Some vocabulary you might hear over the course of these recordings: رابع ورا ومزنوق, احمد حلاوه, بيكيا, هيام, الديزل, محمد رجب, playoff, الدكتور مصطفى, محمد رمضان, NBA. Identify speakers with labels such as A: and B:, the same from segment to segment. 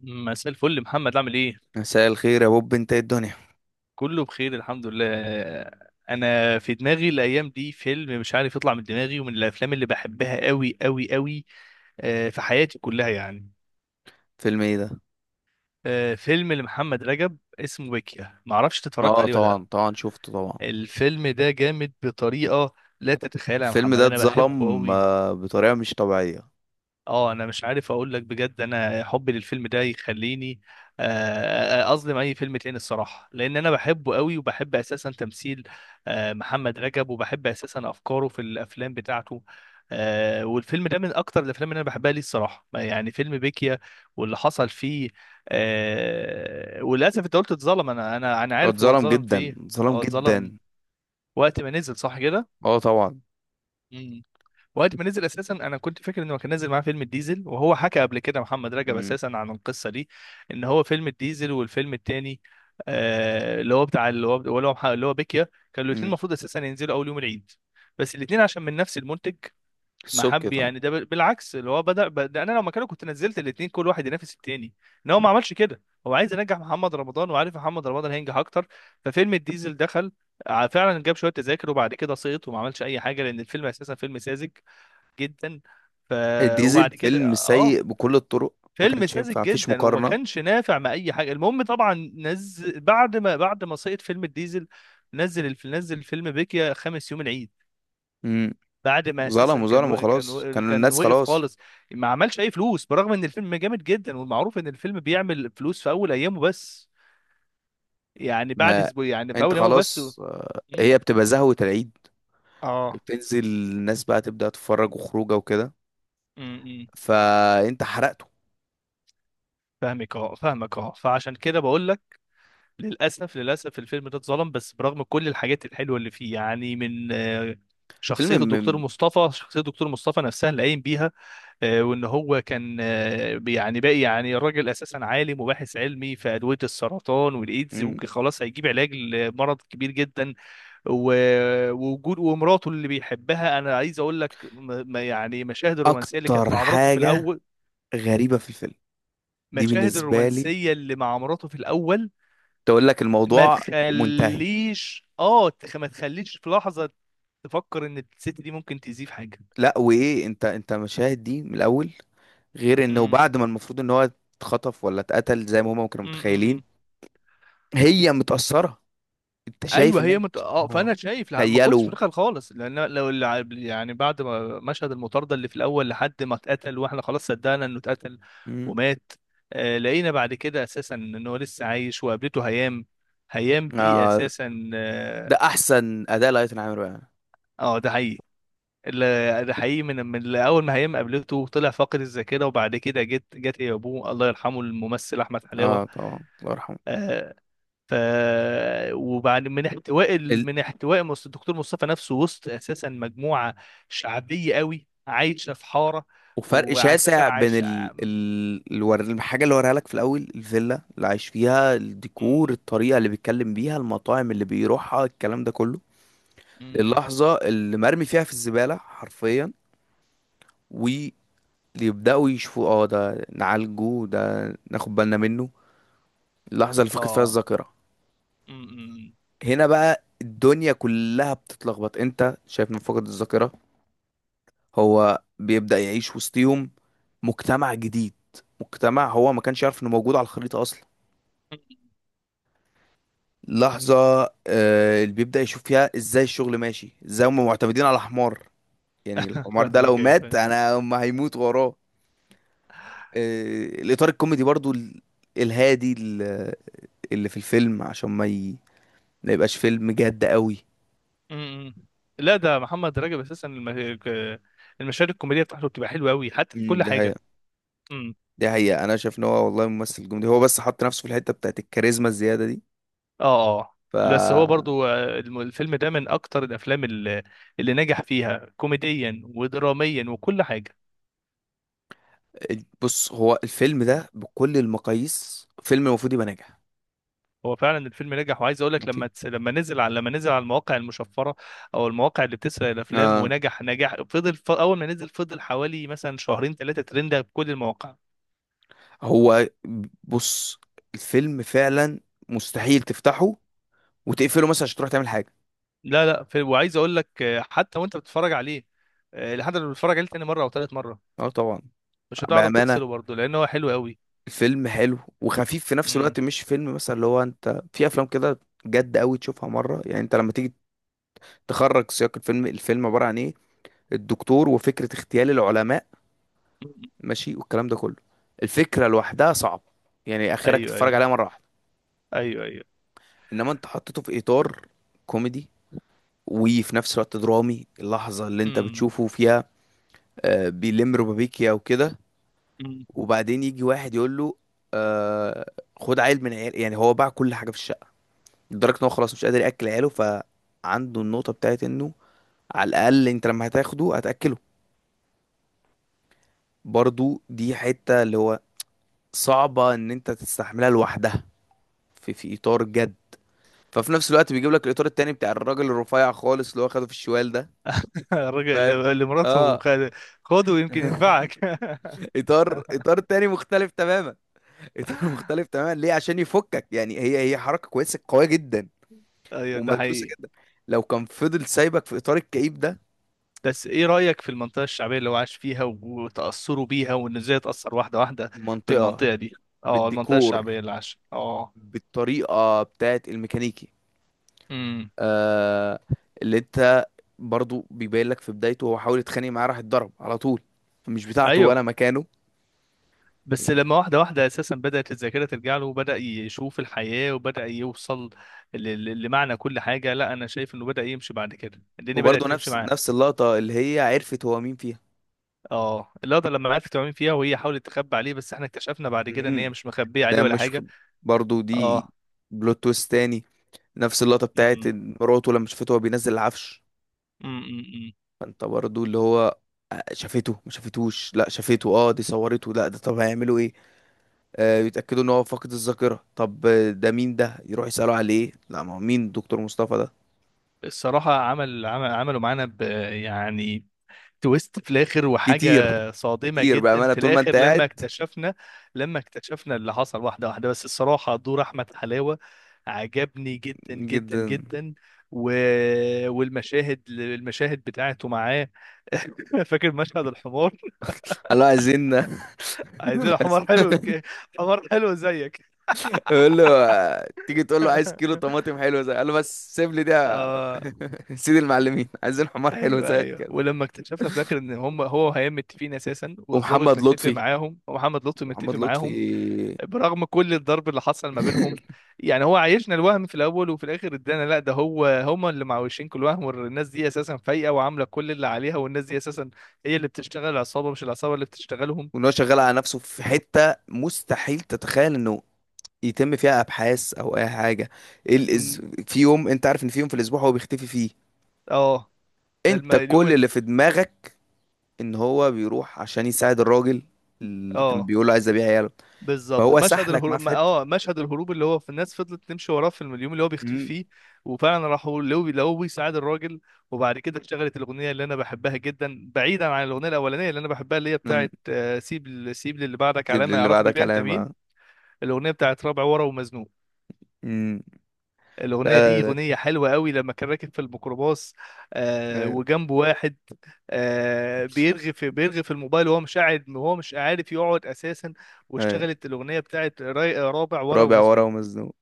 A: مساء الفل محمد، عامل ايه؟
B: مساء الخير يا بوب، انت ايه الدنيا؟
A: كله بخير، الحمد لله. انا في دماغي الايام دي فيلم مش عارف يطلع من دماغي، ومن الافلام اللي بحبها قوي قوي قوي. في حياتي كلها يعني.
B: فيلم ايه ده؟
A: فيلم لمحمد رجب اسمه بيكيا، معرفش إنت اتفرجت
B: اه
A: عليه ولا لا.
B: طبعا طبعا، شفته طبعا.
A: الفيلم ده جامد بطريقة لا تتخيلها يا
B: الفيلم
A: محمد،
B: ده
A: انا بحبه
B: اتظلم
A: قوي.
B: بطريقه مش طبيعيه.
A: اه، انا مش عارف اقول لك بجد، انا حبي للفيلم ده يخليني آه، اظلم اي فيلم تاني الصراحه، لان انا بحبه قوي، وبحب اساسا تمثيل محمد رجب، وبحب اساسا افكاره في الافلام بتاعته. والفيلم ده من اكتر الافلام اللي انا بحبها ليه الصراحه، يعني فيلم بيكيا واللي حصل فيه. وللاسف انت قلت اتظلم، انا
B: هو
A: عارف هو
B: اتظلم
A: اتظلم في
B: جدا،
A: ايه.
B: اتظلم
A: هو اتظلم
B: جدا.
A: وقت ما نزل، صح
B: اه طبعا.
A: كده. وقت ما نزل اساسا انا كنت فاكر انه كان نازل معاه فيلم الديزل، وهو حكى قبل كده محمد رجب
B: امم
A: اساسا عن القصه دي، ان هو فيلم الديزل والفيلم التاني، اللي هو بتاع اللي هو اللي هو مح- اللي هو بيكيا، كانوا الاثنين
B: امم
A: المفروض اساسا ينزلوا اول يوم العيد، بس الاثنين عشان من نفس المنتج ما
B: السبكي
A: حب.
B: طبعا.
A: يعني ده بالعكس، اللي هو بدأ. انا لو مكانه كنت نزلت الاثنين، كل واحد ينافس التاني. ان هو ما عملش كده، هو عايز ينجح محمد رمضان، وعارف محمد رمضان هينجح اكتر. ففيلم الديزل دخل فعلا، جاب شويه تذاكر، وبعد كده سقط وما عملش اي حاجه، لان الفيلم اساسا فيلم ساذج جدا. ف
B: ديزل
A: وبعد كده
B: فيلم
A: اه
B: سيء بكل الطرق. ما
A: فيلم
B: كانش
A: ساذج
B: ينفع، مفيش
A: جدا وما
B: مقارنه.
A: كانش نافع مع اي حاجه. المهم طبعا نزل بعد ما سقط فيلم الديزل. نزل فيلم بيكيا خامس يوم العيد،
B: امم
A: بعد ما
B: ظلم
A: اساسا
B: وظلم وخلاص، كانوا
A: كان
B: الناس
A: وقف
B: خلاص.
A: خالص. ما عملش اي فلوس، برغم ان الفيلم جامد جدا، والمعروف ان الفيلم بيعمل فلوس في اول ايامه بس، يعني بعد
B: ما
A: اسبوع. يعني في
B: انت
A: اول ايامه بس.
B: خلاص،
A: م؟
B: هي بتبقى زهوه العيد.
A: اه.
B: بتنزل الناس بقى تبدا تتفرج وخروجه وكده،
A: م- م.
B: فانت حرقته.
A: فاهمك اه، فاهمك اه، فعشان كده بقول لك. للأسف للأسف، الفيلم ده اتظلم، بس برغم كل الحاجات الحلوة اللي فيه، يعني من آه،
B: فيلم.
A: شخصية الدكتور مصطفى نفسها اللي قايم بيها، وإن هو كان، يعني باقي، يعني الراجل أساسا عالم وباحث علمي في أدوية السرطان والإيدز،
B: مم.
A: وخلاص هيجيب علاج لمرض كبير جدا. ووجود ومراته اللي بيحبها، أنا عايز أقول لك، يعني مشاهد الرومانسية اللي كانت
B: اكتر
A: مع مراته في
B: حاجة
A: الأول.
B: غريبة في الفيلم دي
A: مشاهد
B: بالنسبة لي،
A: الرومانسية اللي مع مراته في الأول
B: تقول لك
A: ما
B: الموضوع منتهي.
A: تخليش، ما تخليش في لحظة تفكر ان الست دي ممكن تأذيه في حاجة.
B: لا، وايه؟ انت مشاهد دي من الاول، غير انه
A: امم.
B: بعد ما المفروض ان هو اتخطف ولا اتقتل زي ما هما كانوا متخيلين
A: امم.
B: هي متأثرة. انت شايف
A: ايوه،
B: ان هي
A: هي مت... اه
B: متأثرة؟
A: فانا شايف لا، ما كنتش
B: تخيلوا.
A: متخيل خالص، لان لو يعني بعد ما مشهد المطارده اللي في الاول لحد ما اتقتل، واحنا خلاص صدقنا انه اتقتل
B: مم.
A: ومات. آه، لقينا بعد كده اساسا ان هو لسه عايش، وقابلته هيام. هيام دي
B: آه
A: اساسا،
B: ده
A: اه،
B: احسن اداء لايتن عامر بقى.
A: ده حقيقي. ده حقيقي، من اول ما هيم قابلته طلع فاقد الذاكره، وبعد كده جت هي ابوه، الله يرحمه، الممثل احمد
B: اه
A: حلاوه.
B: طبعا، الله يرحمه.
A: آه. ف. وبعد من احتواء الدكتور مصطفى نفسه، وسط اساسا مجموعه شعبيه قوي عايشه في حاره،
B: وفرق
A: واساسا
B: شاسع بين
A: عايشه. م-
B: الحاجة اللي وريها لك في الأول، الفيلا اللي عايش فيها، الديكور، الطريقة اللي بيتكلم بيها، المطاعم اللي بيروحها، الكلام ده كله.
A: م-
B: اللحظة اللي مرمي فيها في الزبالة حرفيا، ويبدأوا يشوفوا، اه، ده نعالجه، ده ناخد بالنا منه. اللحظة اللي فقد فيها
A: اه
B: الذاكرة،
A: م- م-
B: هنا بقى الدنيا كلها بتتلخبط. انت شايف من فقد الذاكرة هو بيبدأ يعيش وسطيهم، مجتمع جديد، مجتمع هو ما كانش يعرف انه موجود على الخريطة أصلا.
A: م.
B: لحظة اللي بيبدأ يشوف فيها ازاي الشغل ماشي، ازاي هم معتمدين على حمار. يعني الحمار ده لو
A: فاهمك، ايوه
B: مات،
A: فاهم.
B: انا هم هيموت وراه. الإطار الكوميدي برضو، الهادي، اللي في الفيلم عشان ما يبقاش فيلم جد قوي.
A: م- م. لا، ده محمد رجب اساسا المشاهد الكوميديه بتاعته بتبقى حلوه قوي حتى في كل
B: ده
A: حاجه.
B: حقيقة. ده حقيقة، انا شايف ان هو والله ممثل جامد، هو بس حط نفسه في الحتة بتاعت الكاريزما الزيادة دي.
A: اه اه.
B: ف
A: بس هو برضو، الفيلم ده من اكتر الافلام اللي نجح فيها كوميديا ودراميا وكل حاجه.
B: بص، هو الفيلم ده بكل المقاييس فيلم المفروض يبقى ناجح.
A: هو فعلا الفيلم نجح، وعايز اقول لك،
B: ماشي.
A: لما نزل على المواقع المشفره، او المواقع اللي بتسرق الافلام،
B: آه،
A: ونجح نجاح، فضل اول ما نزل فضل حوالي مثلا شهرين ثلاثه ترند في كل المواقع.
B: هو بص، الفيلم فعلا مستحيل تفتحه وتقفله مثلا عشان تروح تعمل حاجة.
A: لا لا في... وعايز اقول لك، حتى وانت بتتفرج عليه، لحد ما بتتفرج عليه تاني مره او ثالث مره،
B: اه طبعا.
A: مش هتعرف
B: بأمانة،
A: تفصله برضو، لان هو حلو قوي.
B: الفيلم حلو وخفيف في نفس
A: امم.
B: الوقت، مش فيلم مثلا اللي هو انت في افلام كده جد قوي تشوفها مرة. يعني انت لما تيجي تخرج سياق الفيلم، الفيلم عبارة عن ايه؟ الدكتور وفكرة اغتيال العلماء، ماشي، والكلام ده كله. الفكرة لوحدها صعب يعني اخرك
A: ايوه
B: تتفرج عليها
A: ايوه،
B: مرة واحدة.
A: ايوه ايوه.
B: انما انت حطيته في اطار كوميدي، وفي نفس الوقت درامي. اللحظة اللي انت
A: مم.
B: بتشوفه فيها بيلم ربابيكيا وكده،
A: مم.
B: وبعدين يجي واحد يقول له آه، خد عيل من عيال. يعني هو باع كل حاجه في الشقه، لدرجه ان هو خلاص مش قادر ياكل عياله، فعنده النقطه بتاعت انه على الاقل انت لما هتاخده هتاكله. برضو دي حته اللي هو صعبه ان انت تستحملها لوحدها في اطار جد. ففي نفس الوقت بيجيب لك الاطار التاني بتاع الراجل الرفيع خالص اللي هو خده في الشوال ده.
A: الراجل
B: فاهم،
A: اللي مراته
B: اه.
A: خده، يمكن ينفعك.
B: اطار، اطار تاني مختلف تماما. اطار مختلف تماما، ليه؟ عشان يفكك، يعني هي حركه كويسه قويه جدا
A: ايوه، ده
B: ومدروسه
A: حقيقي.
B: جدا. لو كان فضل سايبك في اطار الكئيب ده.
A: بس ايه رأيك في المنطقة الشعبية اللي هو عاش فيها وتأثره بيها، وان ازاي اتأثر واحدة واحدة
B: منطقه،
A: بالمنطقة دي؟ اه، المنطقة
B: بالديكور،
A: الشعبية اللي عاش. اه.
B: بالطريقه بتاعت الميكانيكي
A: امم.
B: آه اللي انت برضو بيبين لك في بدايته هو حاول يتخانق معاه، راح اتضرب على طول، مش بتاعته
A: ايوه،
B: ولا مكانه.
A: بس لما واحدة واحدة اساسا بدأت الذاكرة ترجع له، وبدأ يشوف الحياة، وبدأ يوصل ل- لمعنى كل حاجة. لا، انا شايف انه بدأ يمشي بعد كده، الدنيا
B: وبرضو
A: بدأت تمشي
B: نفس
A: معاه.
B: نفس اللقطه اللي هي عرفت هو مين فيها.
A: اه، اللقطه لما عرفت تعمل فيها، وهي حاولت تخبي عليه، بس احنا اكتشفنا بعد كده ان هي
B: مم.
A: مش مخبيه
B: ده
A: عليه ولا
B: مش
A: حاجه.
B: برضو دي
A: اه.
B: بلوت تويست تاني، نفس اللقطه بتاعت
A: امم.
B: إن مراته لما شافته هو بينزل العفش.
A: امم.
B: فانت برضو اللي هو شافته ما شافتوش، لا شافته، اه دي صورته، لا ده، طب هيعملوا ايه؟ يتاكدوا ان هو فاقد الذاكره، طب ده مين؟ ده يروح يسالوا عليه، لا ما هو مين، دكتور مصطفى ده.
A: الصراحه عملوا معانا ب، يعني، تويست في الاخر، وحاجه
B: كتير،
A: صادمه
B: كتير
A: جدا
B: بامانه
A: في
B: طول ما انت
A: الاخر لما
B: قاعد.
A: اكتشفنا. لما اكتشفنا اللي حصل واحده واحده، بس الصراحه دور احمد حلاوه عجبني جدا جدا
B: جدا.
A: جدا. و... والمشاهد، المشاهد بتاعته معاه. فاكر مشهد الحمار،
B: الله، عايزين.
A: عايزين حمار
B: عايزين-
A: حمار حلو زيك.
B: يقول له تيجي تقول له عايز كيلو طماطم حلو زي، قال له بس سيب لي ده.
A: اه
B: سيد المعلمين، عايزين حمار حلو
A: ايوه
B: زي
A: ايوه،
B: كده.
A: ولما اكتشفنا في الاخر ان هم هو وهيام متفقين اساسا، والضابط
B: ومحمد
A: متفق
B: لطفي،
A: معاهم، ومحمد لطفي
B: محمد
A: متفق
B: لطفي.
A: معاهم، برغم كل الضرب اللي حصل ما بينهم. يعني هو عايشنا الوهم في الاول، وفي الاخر ادانا لا، ده هو هم اللي معوشين كل وهم، والناس دي اساسا فايقه وعامله كل اللي عليها، والناس دي اساسا هي اللي بتشتغل العصابه، مش العصابه اللي بتشتغلهم.
B: وان هو شغال على نفسه في حتة مستحيل تتخيل انه يتم فيها ابحاث او اي حاجة. ال- إز-
A: أمم.
B: في يوم، انت عارف ان في يوم في الاسبوع هو بيختفي فيه.
A: اه، ده الم-
B: انت
A: اليوم
B: كل
A: ال-
B: اللي في دماغك ان هو بيروح عشان يساعد الراجل اللي كان
A: اه
B: بيقول له عايز ابيع عياله.
A: بالظبط
B: فهو
A: مشهد
B: سحلك معاه
A: الهروب،
B: في حتة.
A: مشهد الهروب اللي هو في الناس فضلت تمشي وراه، في اليوم اللي هو بيختفي
B: مم.
A: فيه. وفعلا راحوا لقوه بيساعد الراجل، وبعد كده اشتغلت الاغنيه اللي انا بحبها جدا، بعيدا عن الاغنيه الاولانيه اللي انا بحبها، اللي هي
B: مم.
A: بتاعت، سيب سيب للي بعدك
B: سيب لي
A: علامه
B: اللي
A: يعرفوا
B: بعدها
A: بيها انت
B: كلام
A: مين. الاغنيه بتاعت رابع ورا ومزنوق.
B: مم. لا
A: الاغنيه دي
B: لا
A: اغنيه حلوه قوي، لما كان راكب في الميكروباص،
B: لا. أيوة،
A: وجنبه واحد، بيرغي في الموبايل، وهو مش قاعد، وهو مش عارف يقعد اساسا.
B: أيوة.
A: واشتغلت الاغنيه بتاعت رابع ورا
B: رابع ورا
A: ومزنوق.
B: ومزنوق.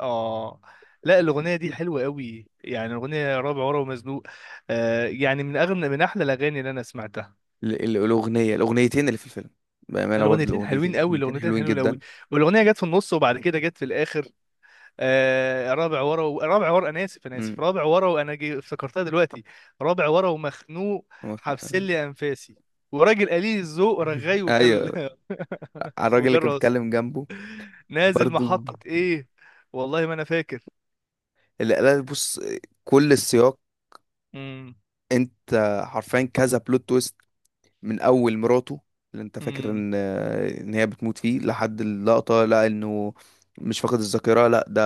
A: اه، لا، الاغنيه دي حلوه قوي، يعني الاغنيه رابع ورا ومزنوق. آه، يعني من اغنى، من احلى الاغاني اللي انا سمعتها.
B: ال- ال- الأغنية الأغنيتين اللي في الفيلم، بأمانة برضه،
A: الاغنيتين
B: الأغنيتين،
A: حلوين قوي،
B: الأغنيتين
A: الاغنيتين
B: حلوين
A: حلوين قوي.
B: جدا.
A: والاغنيه جت في النص وبعد كده جت في الاخر. آه، رابع ورا، انا اسف انا
B: مم.
A: اسف، رابع ورا، افتكرتها دلوقتي. رابع ورا ومخنوق، حبس لي انفاسي، وراجل قليل الذوق رغاي وكل.
B: ايوه، على الراجل اللي
A: وجال
B: كان
A: راسي
B: بيتكلم جنبه.
A: نازل
B: برضو
A: محطه ايه، والله ما انا فاكر.
B: اللي قال بص، كل السياق.
A: امم.
B: انت حرفيا كذا بلوت تويست. من اول مراته اللي انت فاكر
A: امم.
B: ان هي بتموت فيه، لحد اللقطة لا انه مش فاقد الذاكرة، لا ده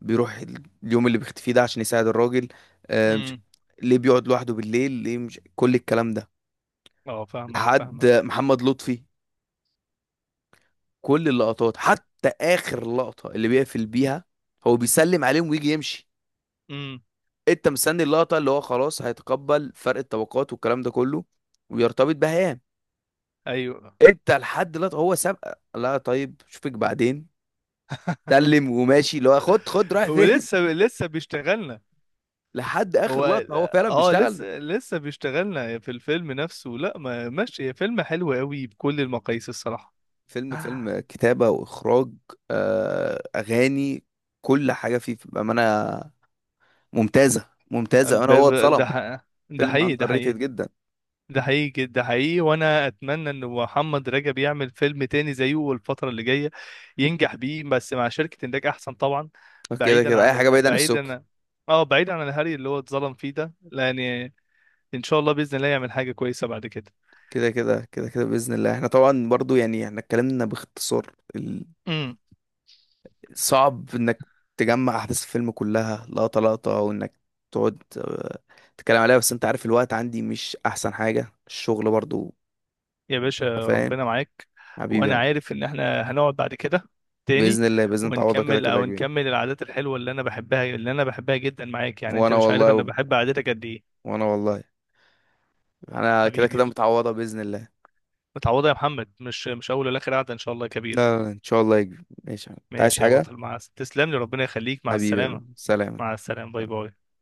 B: بيروح اليوم اللي بيختفي ده عشان يساعد الراجل. آه، مش-
A: امم.
B: ليه بيقعد لوحده بالليل؟ ليه؟ مش كل الكلام ده.
A: اه، فاهمك
B: لحد
A: فاهمك.
B: محمد لطفي، كل اللقطات حتى اخر لقطة اللي بيقفل بيها هو بيسلم عليهم ويجي يمشي.
A: امم.
B: انت مستني اللقطه اللي هو خلاص هيتقبل فرق الطبقات والكلام ده كله ويرتبط بهيام.
A: ايوه.
B: انت لحد دلوقتي هو سابقه، لا طيب اشوفك بعدين، سلم وماشي، اللي هو خد خد رايح فين؟
A: ولسه لسه بيشتغلنا،
B: لحد
A: هو
B: اخر لقطه هو فعلا
A: اه،
B: بيشتغل.
A: لسه لسه بيشتغلنا في الفيلم نفسه. لا ما، ماشي، فيلم حلو قوي بكل المقاييس الصراحه.
B: فيلم، فيلم كتابه واخراج، اغاني، كل حاجه فيه بامانه ممتازه، ممتازه. انا
A: ب...
B: هو
A: ب... ده
B: اتظلم،
A: ح... ده
B: فيلم
A: حقيقي، ده
B: اندر ريتد
A: حقيقي.
B: جدا.
A: ده حقيقي ده حقيقي. وانا اتمنى ان محمد رجب يعمل فيلم تاني زيه الفتره اللي جايه، ينجح بيه، بس مع شركه انتاج احسن طبعا،
B: كده كده اي حاجه بعيده عن السوق.
A: بعيدا، اه، بعيدا عن الهري اللي هو اتظلم فيه ده، لان ان شاء الله، باذن الله يعمل حاجه كويسه بعد
B: كده كده كده كده باذن الله. احنا طبعا برضو يعني احنا اتكلمنا باختصار،
A: كده.
B: صعب انك تجمع احداث الفيلم كلها لقطة لقطة، وانك تقعد تتكلم عليها، بس انت عارف الوقت عندي مش احسن حاجة، الشغل برضو،
A: يا
B: انت
A: باشا،
B: فاهم.
A: ربنا معاك.
B: حبيبي
A: وانا
B: أبو.
A: عارف ان احنا هنقعد بعد كده تاني،
B: بإذن الله تعوضها كده
A: ونكمل،
B: كده يا
A: او
B: كبير.
A: نكمل العادات الحلوه اللي انا بحبها، اللي انا بحبها جدا معاك، يعني انت
B: وانا
A: مش
B: والله
A: عارف
B: يا
A: انا
B: بابا،
A: بحب عادتك قد ايه.
B: وانا والله انا كده
A: حبيبي،
B: كده متعوضة بإذن الله.
A: متعوضه يا محمد، مش اول ولا اخر قعده ان شاء الله يا كبير.
B: لا لا لا، ان شاء الله يا كبير، ماشي يا عم. انت عايز
A: ماشي يا
B: حاجة؟
A: بطل، مع تسلم لي، ربنا يخليك، مع
B: حبيبي يا كبير،
A: السلامه.
B: سلام.
A: مع السلامه، باي باي.